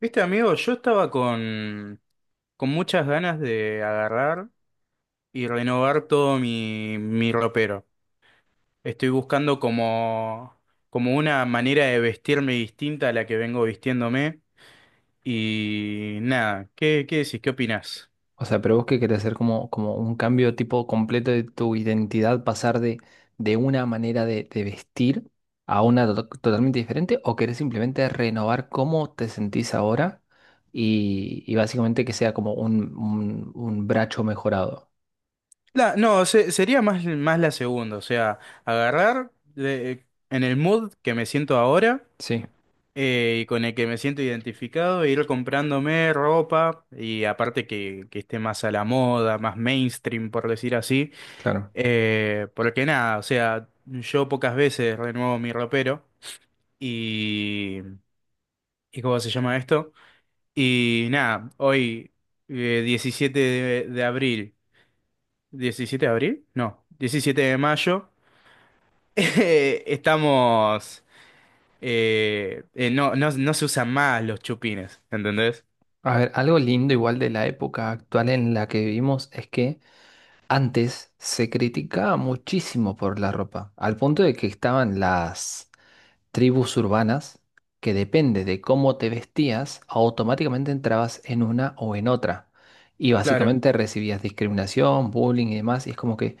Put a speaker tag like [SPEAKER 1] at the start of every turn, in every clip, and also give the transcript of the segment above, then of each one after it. [SPEAKER 1] Viste, amigo, yo estaba con muchas ganas de agarrar y renovar todo mi ropero. Estoy buscando como una manera de vestirme distinta a la que vengo vistiéndome. Y nada, ¿qué decís? ¿Qué opinás?
[SPEAKER 2] O sea, pero vos que querés hacer como un cambio tipo completo de tu identidad, pasar de una manera de vestir a una totalmente diferente, o querés simplemente renovar cómo te sentís ahora y básicamente que sea como un bracho mejorado.
[SPEAKER 1] La, no, sería más la segunda, o sea, agarrar en el mood que me siento ahora.
[SPEAKER 2] Sí,
[SPEAKER 1] Eh, y con el que me siento identificado, e ir comprándome ropa y aparte que esté más a la moda, más mainstream, por decir así.
[SPEAKER 2] claro.
[SPEAKER 1] Porque nada, o sea, yo pocas veces renuevo mi ropero y, ¿y cómo se llama esto? Y nada, hoy 17 de abril, ¿17 de abril? No, 17 de mayo, estamos... no, no se usan más los chupines, ¿entendés?
[SPEAKER 2] A ver, algo lindo igual de la época actual en la que vivimos es que antes se criticaba muchísimo por la ropa, al punto de que estaban las tribus urbanas que depende de cómo te vestías, automáticamente entrabas en una o en otra. Y
[SPEAKER 1] Claro.
[SPEAKER 2] básicamente recibías discriminación, bullying y demás. Y es como que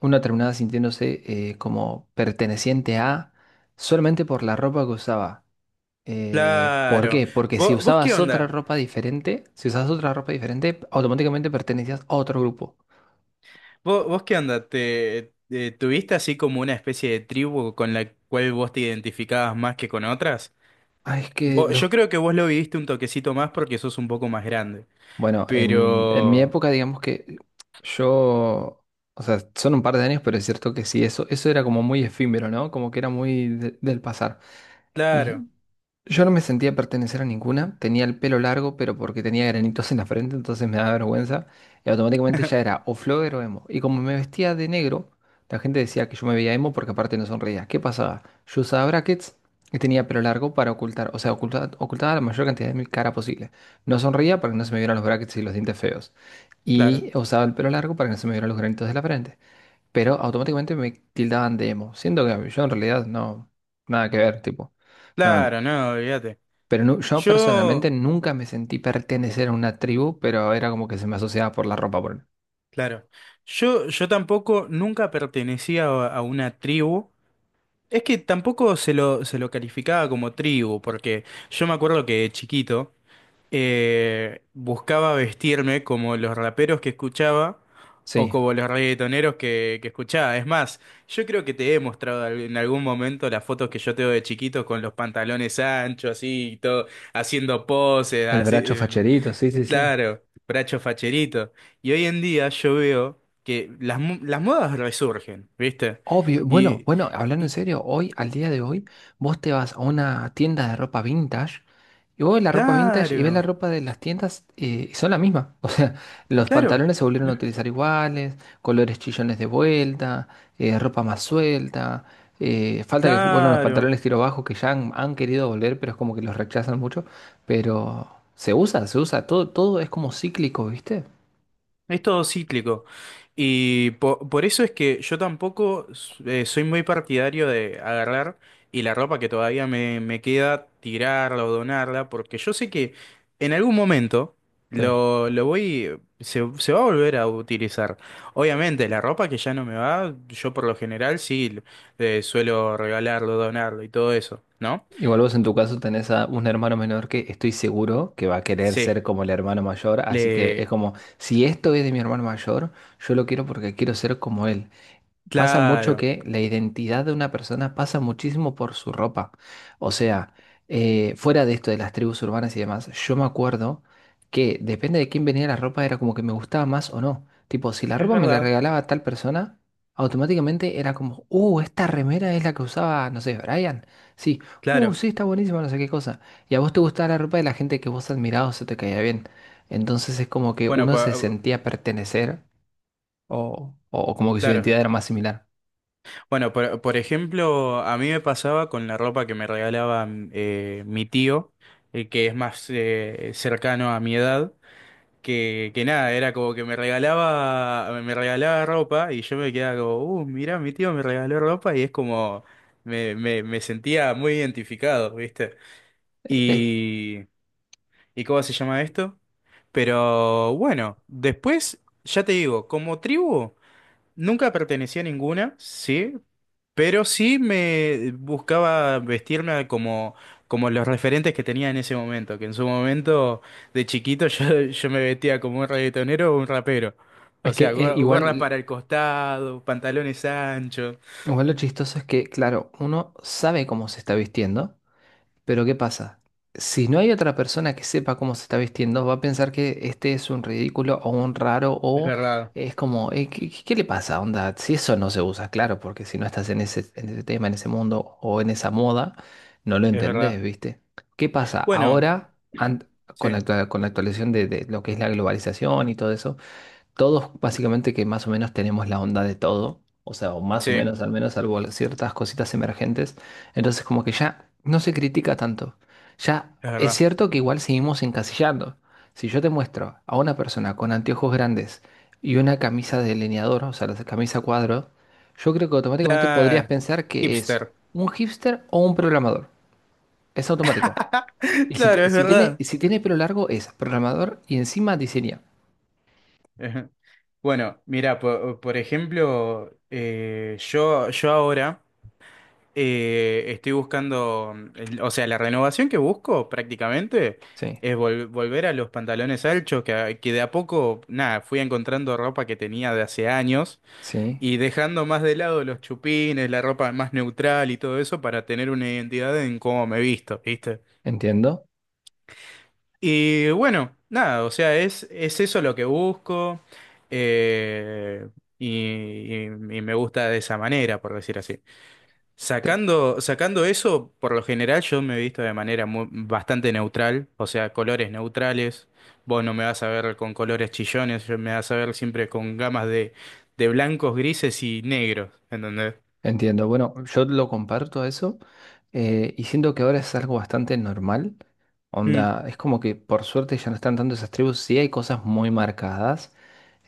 [SPEAKER 2] uno terminaba sintiéndose como perteneciente a solamente por la ropa que usaba. ¿Por
[SPEAKER 1] Claro.
[SPEAKER 2] qué? Porque si
[SPEAKER 1] ¿Vos qué
[SPEAKER 2] usabas otra
[SPEAKER 1] onda?
[SPEAKER 2] ropa diferente, si usabas otra ropa diferente, automáticamente pertenecías a otro grupo.
[SPEAKER 1] ¿Vos qué onda? ¿Te, tuviste así como una especie de tribu con la cual vos te identificabas más que con otras?
[SPEAKER 2] Ay, es que
[SPEAKER 1] Yo
[SPEAKER 2] los...
[SPEAKER 1] creo que vos lo viviste un toquecito más porque sos un poco más grande.
[SPEAKER 2] Bueno, en mi
[SPEAKER 1] Pero...
[SPEAKER 2] época, digamos que yo, o sea, son un par de años, pero es cierto que sí, eso era como muy efímero, ¿no? Como que era muy del pasar.
[SPEAKER 1] Claro,
[SPEAKER 2] Y yo no me sentía pertenecer a ninguna. Tenía el pelo largo, pero porque tenía granitos en la frente, entonces me daba vergüenza. Y automáticamente ya era o flogger o emo. Y como me vestía de negro, la gente decía que yo me veía emo porque aparte no sonreía. ¿Qué pasaba? Yo usaba brackets y tenía pelo largo para ocultar, o sea, ocultaba la mayor cantidad de mi cara posible. No sonreía para que no se me vieran los brackets y los dientes feos.
[SPEAKER 1] claro.
[SPEAKER 2] Y usaba el pelo largo para que no se me vieran los granitos de la frente, pero automáticamente me tildaban de emo, siendo que yo en realidad no, nada que ver, tipo, no,
[SPEAKER 1] Claro, no, olvídate.
[SPEAKER 2] pero yo personalmente
[SPEAKER 1] Yo...
[SPEAKER 2] nunca me sentí pertenecer a una tribu, pero era como que se me asociaba por la ropa, por...
[SPEAKER 1] Claro. Yo tampoco nunca pertenecía a una tribu. Es que tampoco se lo calificaba como tribu, porque yo me acuerdo que de chiquito buscaba vestirme como los raperos que escuchaba o
[SPEAKER 2] Sí,
[SPEAKER 1] como los reggaetoneros que escuchaba. Es más, yo creo que te he mostrado en algún momento las fotos que yo tengo de chiquito con los pantalones anchos, así, y todo, haciendo poses,
[SPEAKER 2] el
[SPEAKER 1] así,
[SPEAKER 2] bracho facherito, sí, sí, sí.
[SPEAKER 1] claro, bracho facherito. Y hoy en día yo veo que las, las modas resurgen, ¿viste?
[SPEAKER 2] Obvio, bueno,
[SPEAKER 1] Y.
[SPEAKER 2] bueno, hablando en
[SPEAKER 1] Y
[SPEAKER 2] serio, hoy, al día de hoy, vos te vas a una tienda de ropa vintage. Y vos ves la ropa vintage y ves la
[SPEAKER 1] claro,
[SPEAKER 2] ropa de las tiendas y son la misma. O sea, los
[SPEAKER 1] claro,
[SPEAKER 2] pantalones se volvieron a utilizar iguales, colores chillones de vuelta, ropa más suelta. Falta que vuelvan los
[SPEAKER 1] claro.
[SPEAKER 2] pantalones tiro bajo que ya han querido volver, pero es como que los rechazan mucho. Pero se usa, se usa. Todo, todo es como cíclico, ¿viste?
[SPEAKER 1] Es todo cíclico. Y por eso es que yo tampoco soy muy partidario de agarrar y la ropa que todavía me queda, tirarla o donarla, porque yo sé que en algún momento
[SPEAKER 2] Sí.
[SPEAKER 1] lo voy, se va a volver a utilizar. Obviamente, la ropa que ya no me va, yo por lo general sí suelo regalarlo, donarlo y todo eso, ¿no?
[SPEAKER 2] Igual vos en tu caso tenés a un hermano menor que estoy seguro que va a querer
[SPEAKER 1] Sí,
[SPEAKER 2] ser como el hermano mayor, así que es
[SPEAKER 1] le...
[SPEAKER 2] como, si esto es de mi hermano mayor, yo lo quiero porque quiero ser como él. Pasa mucho
[SPEAKER 1] Claro,
[SPEAKER 2] que la identidad de una persona pasa muchísimo por su ropa. O sea, fuera de esto de las tribus urbanas y demás, yo me acuerdo que depende de quién venía la ropa, era como que me gustaba más o no. Tipo, si la
[SPEAKER 1] es
[SPEAKER 2] ropa me la
[SPEAKER 1] verdad.
[SPEAKER 2] regalaba tal persona, automáticamente era como, esta remera es la que usaba, no sé, Brian. Sí,
[SPEAKER 1] Claro,
[SPEAKER 2] sí, está buenísima, no sé qué cosa. Y a vos te gustaba la ropa de la gente que vos admirabas o se te caía bien. Entonces es como que
[SPEAKER 1] bueno,
[SPEAKER 2] uno se
[SPEAKER 1] por,
[SPEAKER 2] sentía pertenecer o como que su
[SPEAKER 1] claro.
[SPEAKER 2] identidad era más similar.
[SPEAKER 1] Bueno, por ejemplo, a mí me pasaba con la ropa que me regalaba mi tío, el que es más cercano a mi edad, que nada, era como que me regalaba ropa y yo me quedaba como, mirá, mi tío me regaló ropa y es como, me sentía muy identificado, ¿viste?
[SPEAKER 2] Es,
[SPEAKER 1] Y, ¿Y cómo se llama esto? Pero bueno, después, ya te digo, como tribu. Nunca pertenecí a ninguna, sí, pero sí me buscaba vestirme como, como los referentes que tenía en ese momento, que en su momento de chiquito yo me vestía como un reggaetonero o un rapero. O
[SPEAKER 2] es que
[SPEAKER 1] sea, gorras
[SPEAKER 2] igual,
[SPEAKER 1] para el costado, pantalones anchos.
[SPEAKER 2] igual lo chistoso es que, claro, uno sabe cómo se está vistiendo, pero ¿qué pasa? Si no hay otra persona que sepa cómo se está vistiendo, va a pensar que este es un ridículo o un raro
[SPEAKER 1] Es
[SPEAKER 2] o
[SPEAKER 1] verdad,
[SPEAKER 2] es como, ¿qué le pasa? Onda, si eso no se usa, claro, porque si no estás en ese tema, en ese mundo o en esa moda, no lo
[SPEAKER 1] es
[SPEAKER 2] entendés,
[SPEAKER 1] verdad.
[SPEAKER 2] ¿viste? ¿Qué pasa?
[SPEAKER 1] Bueno,
[SPEAKER 2] Ahora,
[SPEAKER 1] sí,
[SPEAKER 2] con la actualización de lo que es la globalización y todo eso. Todos básicamente que más o menos tenemos la onda de todo, o sea, o más
[SPEAKER 1] sí,
[SPEAKER 2] o
[SPEAKER 1] es
[SPEAKER 2] menos, al menos salvo ciertas cositas emergentes, entonces como que ya no se critica tanto. Ya es
[SPEAKER 1] verdad.
[SPEAKER 2] cierto que igual seguimos encasillando. Si yo te muestro a una persona con anteojos grandes y una camisa de delineador, o sea, la camisa cuadro, yo creo que automáticamente podrías
[SPEAKER 1] La
[SPEAKER 2] pensar que es
[SPEAKER 1] hipster.
[SPEAKER 2] un hipster o un programador. Es automático. Y si,
[SPEAKER 1] Claro,
[SPEAKER 2] te-
[SPEAKER 1] es
[SPEAKER 2] si tiene,
[SPEAKER 1] verdad.
[SPEAKER 2] si tiene pelo largo, es programador y encima diseña.
[SPEAKER 1] Ajá. Bueno, mira, por ejemplo, yo ahora estoy buscando, o sea, la renovación que busco prácticamente
[SPEAKER 2] Sí,
[SPEAKER 1] es volver a los pantalones anchos, que, que de a poco, nada, fui encontrando ropa que tenía de hace años
[SPEAKER 2] sí,
[SPEAKER 1] y dejando más de lado los chupines, la ropa más neutral y todo eso para tener una identidad en cómo me visto, ¿viste?
[SPEAKER 2] entiendo.
[SPEAKER 1] Y bueno, nada, o sea, es eso lo que busco eh, y, y me gusta de esa manera, por decir así.
[SPEAKER 2] Te-
[SPEAKER 1] Sacando, sacando eso, por lo general yo me he visto de manera bastante neutral, o sea, colores neutrales. Vos no me vas a ver con colores chillones, yo me vas a ver siempre con gamas de blancos, grises y negros, ¿entendés?
[SPEAKER 2] Entiendo. Bueno, yo lo comparto a eso, y siento que ahora es algo bastante normal.
[SPEAKER 1] Mm,
[SPEAKER 2] Onda, es como que por suerte ya no están tanto esas tribus. Sí hay cosas muy marcadas,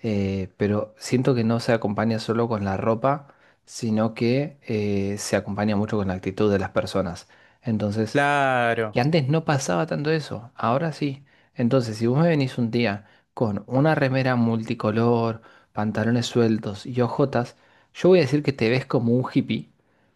[SPEAKER 2] pero siento que no se acompaña solo con la ropa, sino que se acompaña mucho con la actitud de las personas. Entonces,
[SPEAKER 1] claro,
[SPEAKER 2] que antes no pasaba tanto eso, ahora sí. Entonces, si vos me venís un día con una remera multicolor, pantalones sueltos y ojotas, yo voy a decir que te ves como un hippie,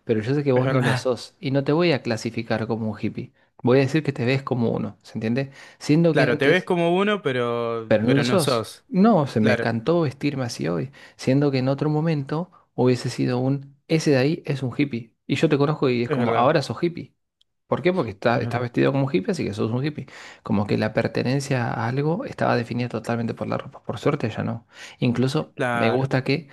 [SPEAKER 2] pero yo sé que
[SPEAKER 1] es
[SPEAKER 2] vos no lo
[SPEAKER 1] verdad.
[SPEAKER 2] sos y no te voy a clasificar como un hippie. Voy a decir que te ves como uno, ¿se entiende? Siendo que
[SPEAKER 1] Claro, te ves
[SPEAKER 2] antes,
[SPEAKER 1] como uno,
[SPEAKER 2] pero no lo
[SPEAKER 1] pero no
[SPEAKER 2] sos.
[SPEAKER 1] sos.
[SPEAKER 2] No, se me
[SPEAKER 1] Claro,
[SPEAKER 2] cantó vestirme así hoy, siendo que en otro momento hubiese sido un, ese de ahí es un hippie. Y yo te conozco y es
[SPEAKER 1] es
[SPEAKER 2] como,
[SPEAKER 1] verdad.
[SPEAKER 2] ahora sos hippie. ¿Por qué? Porque está-
[SPEAKER 1] Es
[SPEAKER 2] estás
[SPEAKER 1] verdad.
[SPEAKER 2] vestido como un hippie, así que sos un hippie. Como que la pertenencia a algo estaba definida totalmente por la ropa. Por suerte ya no. Incluso me
[SPEAKER 1] Claro.
[SPEAKER 2] gusta que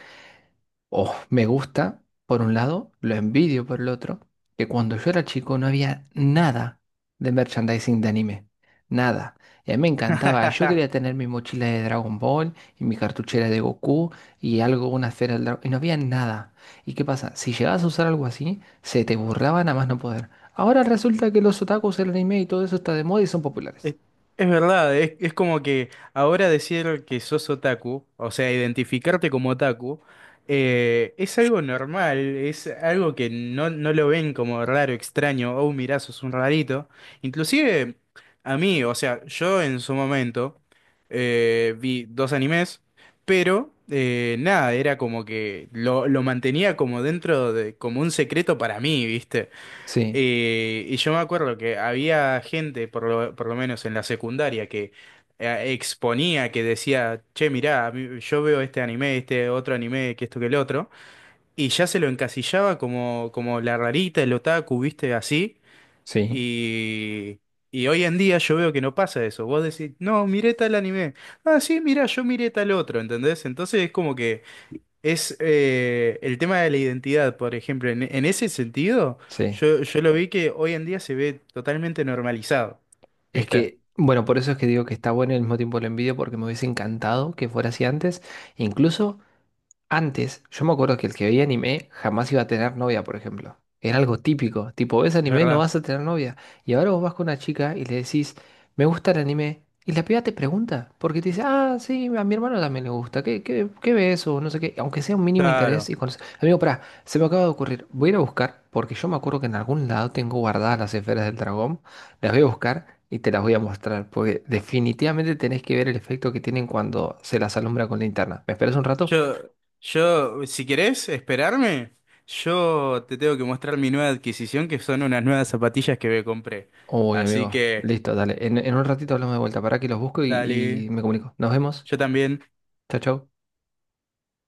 [SPEAKER 2] Oh, me gusta, por un lado, lo envidio por el otro, que cuando yo era chico no había nada de merchandising de anime, nada. Y a mí me encantaba, yo quería tener mi mochila de Dragon Ball y mi cartuchera de Goku y algo, una esfera del dragón, y no había nada. ¿Y qué pasa? Si llegabas a usar algo así, se te burlaban a más no poder. Ahora resulta que los otakus, el anime y todo eso está de moda y son populares.
[SPEAKER 1] Es, es verdad, es como que ahora decir que sos otaku, o sea, identificarte como otaku, es algo normal, es algo que no, no lo ven como raro, extraño, oh, mirá, sos un rarito. Inclusive a mí, o sea, yo en su momento vi dos animes, pero nada, era como que lo mantenía como dentro de, como un secreto para mí, ¿viste?
[SPEAKER 2] Sí,
[SPEAKER 1] Y yo me acuerdo que había gente, por lo menos en la secundaria, que exponía, que decía, che, mirá, yo veo este anime, este otro anime, que esto, que el otro, y ya se lo encasillaba como, como la rarita, el otaku, viste, así,
[SPEAKER 2] sí,
[SPEAKER 1] y, y hoy en día yo veo que no pasa eso, vos decís, no, miré tal anime, ah, sí, mirá, yo miré tal otro, ¿entendés? Entonces es como que... Es el tema de la identidad, por ejemplo. En ese sentido,
[SPEAKER 2] sí.
[SPEAKER 1] yo lo vi que hoy en día se ve totalmente normalizado.
[SPEAKER 2] Es
[SPEAKER 1] ¿Viste?
[SPEAKER 2] que, bueno, por eso es que digo que está bueno y al mismo tiempo lo envidio porque me hubiese encantado que fuera así antes. Incluso antes, yo me acuerdo que el que veía anime jamás iba a tener novia, por ejemplo. Era algo típico. Tipo, ves
[SPEAKER 1] Es
[SPEAKER 2] anime, no
[SPEAKER 1] verdad.
[SPEAKER 2] vas a tener novia. Y ahora vos vas con una chica y le decís, me gusta el anime. Y la piba te pregunta, porque te dice, ah, sí, a mi hermano también le gusta. ¿Qué ves? O no sé qué. Aunque sea un mínimo interés
[SPEAKER 1] Claro.
[SPEAKER 2] y Amigo, pará, se me acaba de ocurrir. Voy a ir a buscar, porque yo me acuerdo que en algún lado tengo guardadas las esferas del dragón. Las voy a buscar y te las voy a mostrar, porque definitivamente tenés que ver el efecto que tienen cuando se las alumbra con linterna. ¿Me esperas un rato?
[SPEAKER 1] Yo, yo, si querés esperarme, yo te tengo que mostrar mi nueva adquisición, que son unas nuevas zapatillas que me compré.
[SPEAKER 2] Uy,
[SPEAKER 1] Así
[SPEAKER 2] amigo.
[SPEAKER 1] que,
[SPEAKER 2] Listo, dale. En un ratito hablamos de vuelta. Para que los busco y,
[SPEAKER 1] dale.
[SPEAKER 2] y me comunico. Nos vemos.
[SPEAKER 1] Yo también.
[SPEAKER 2] Chao, chao.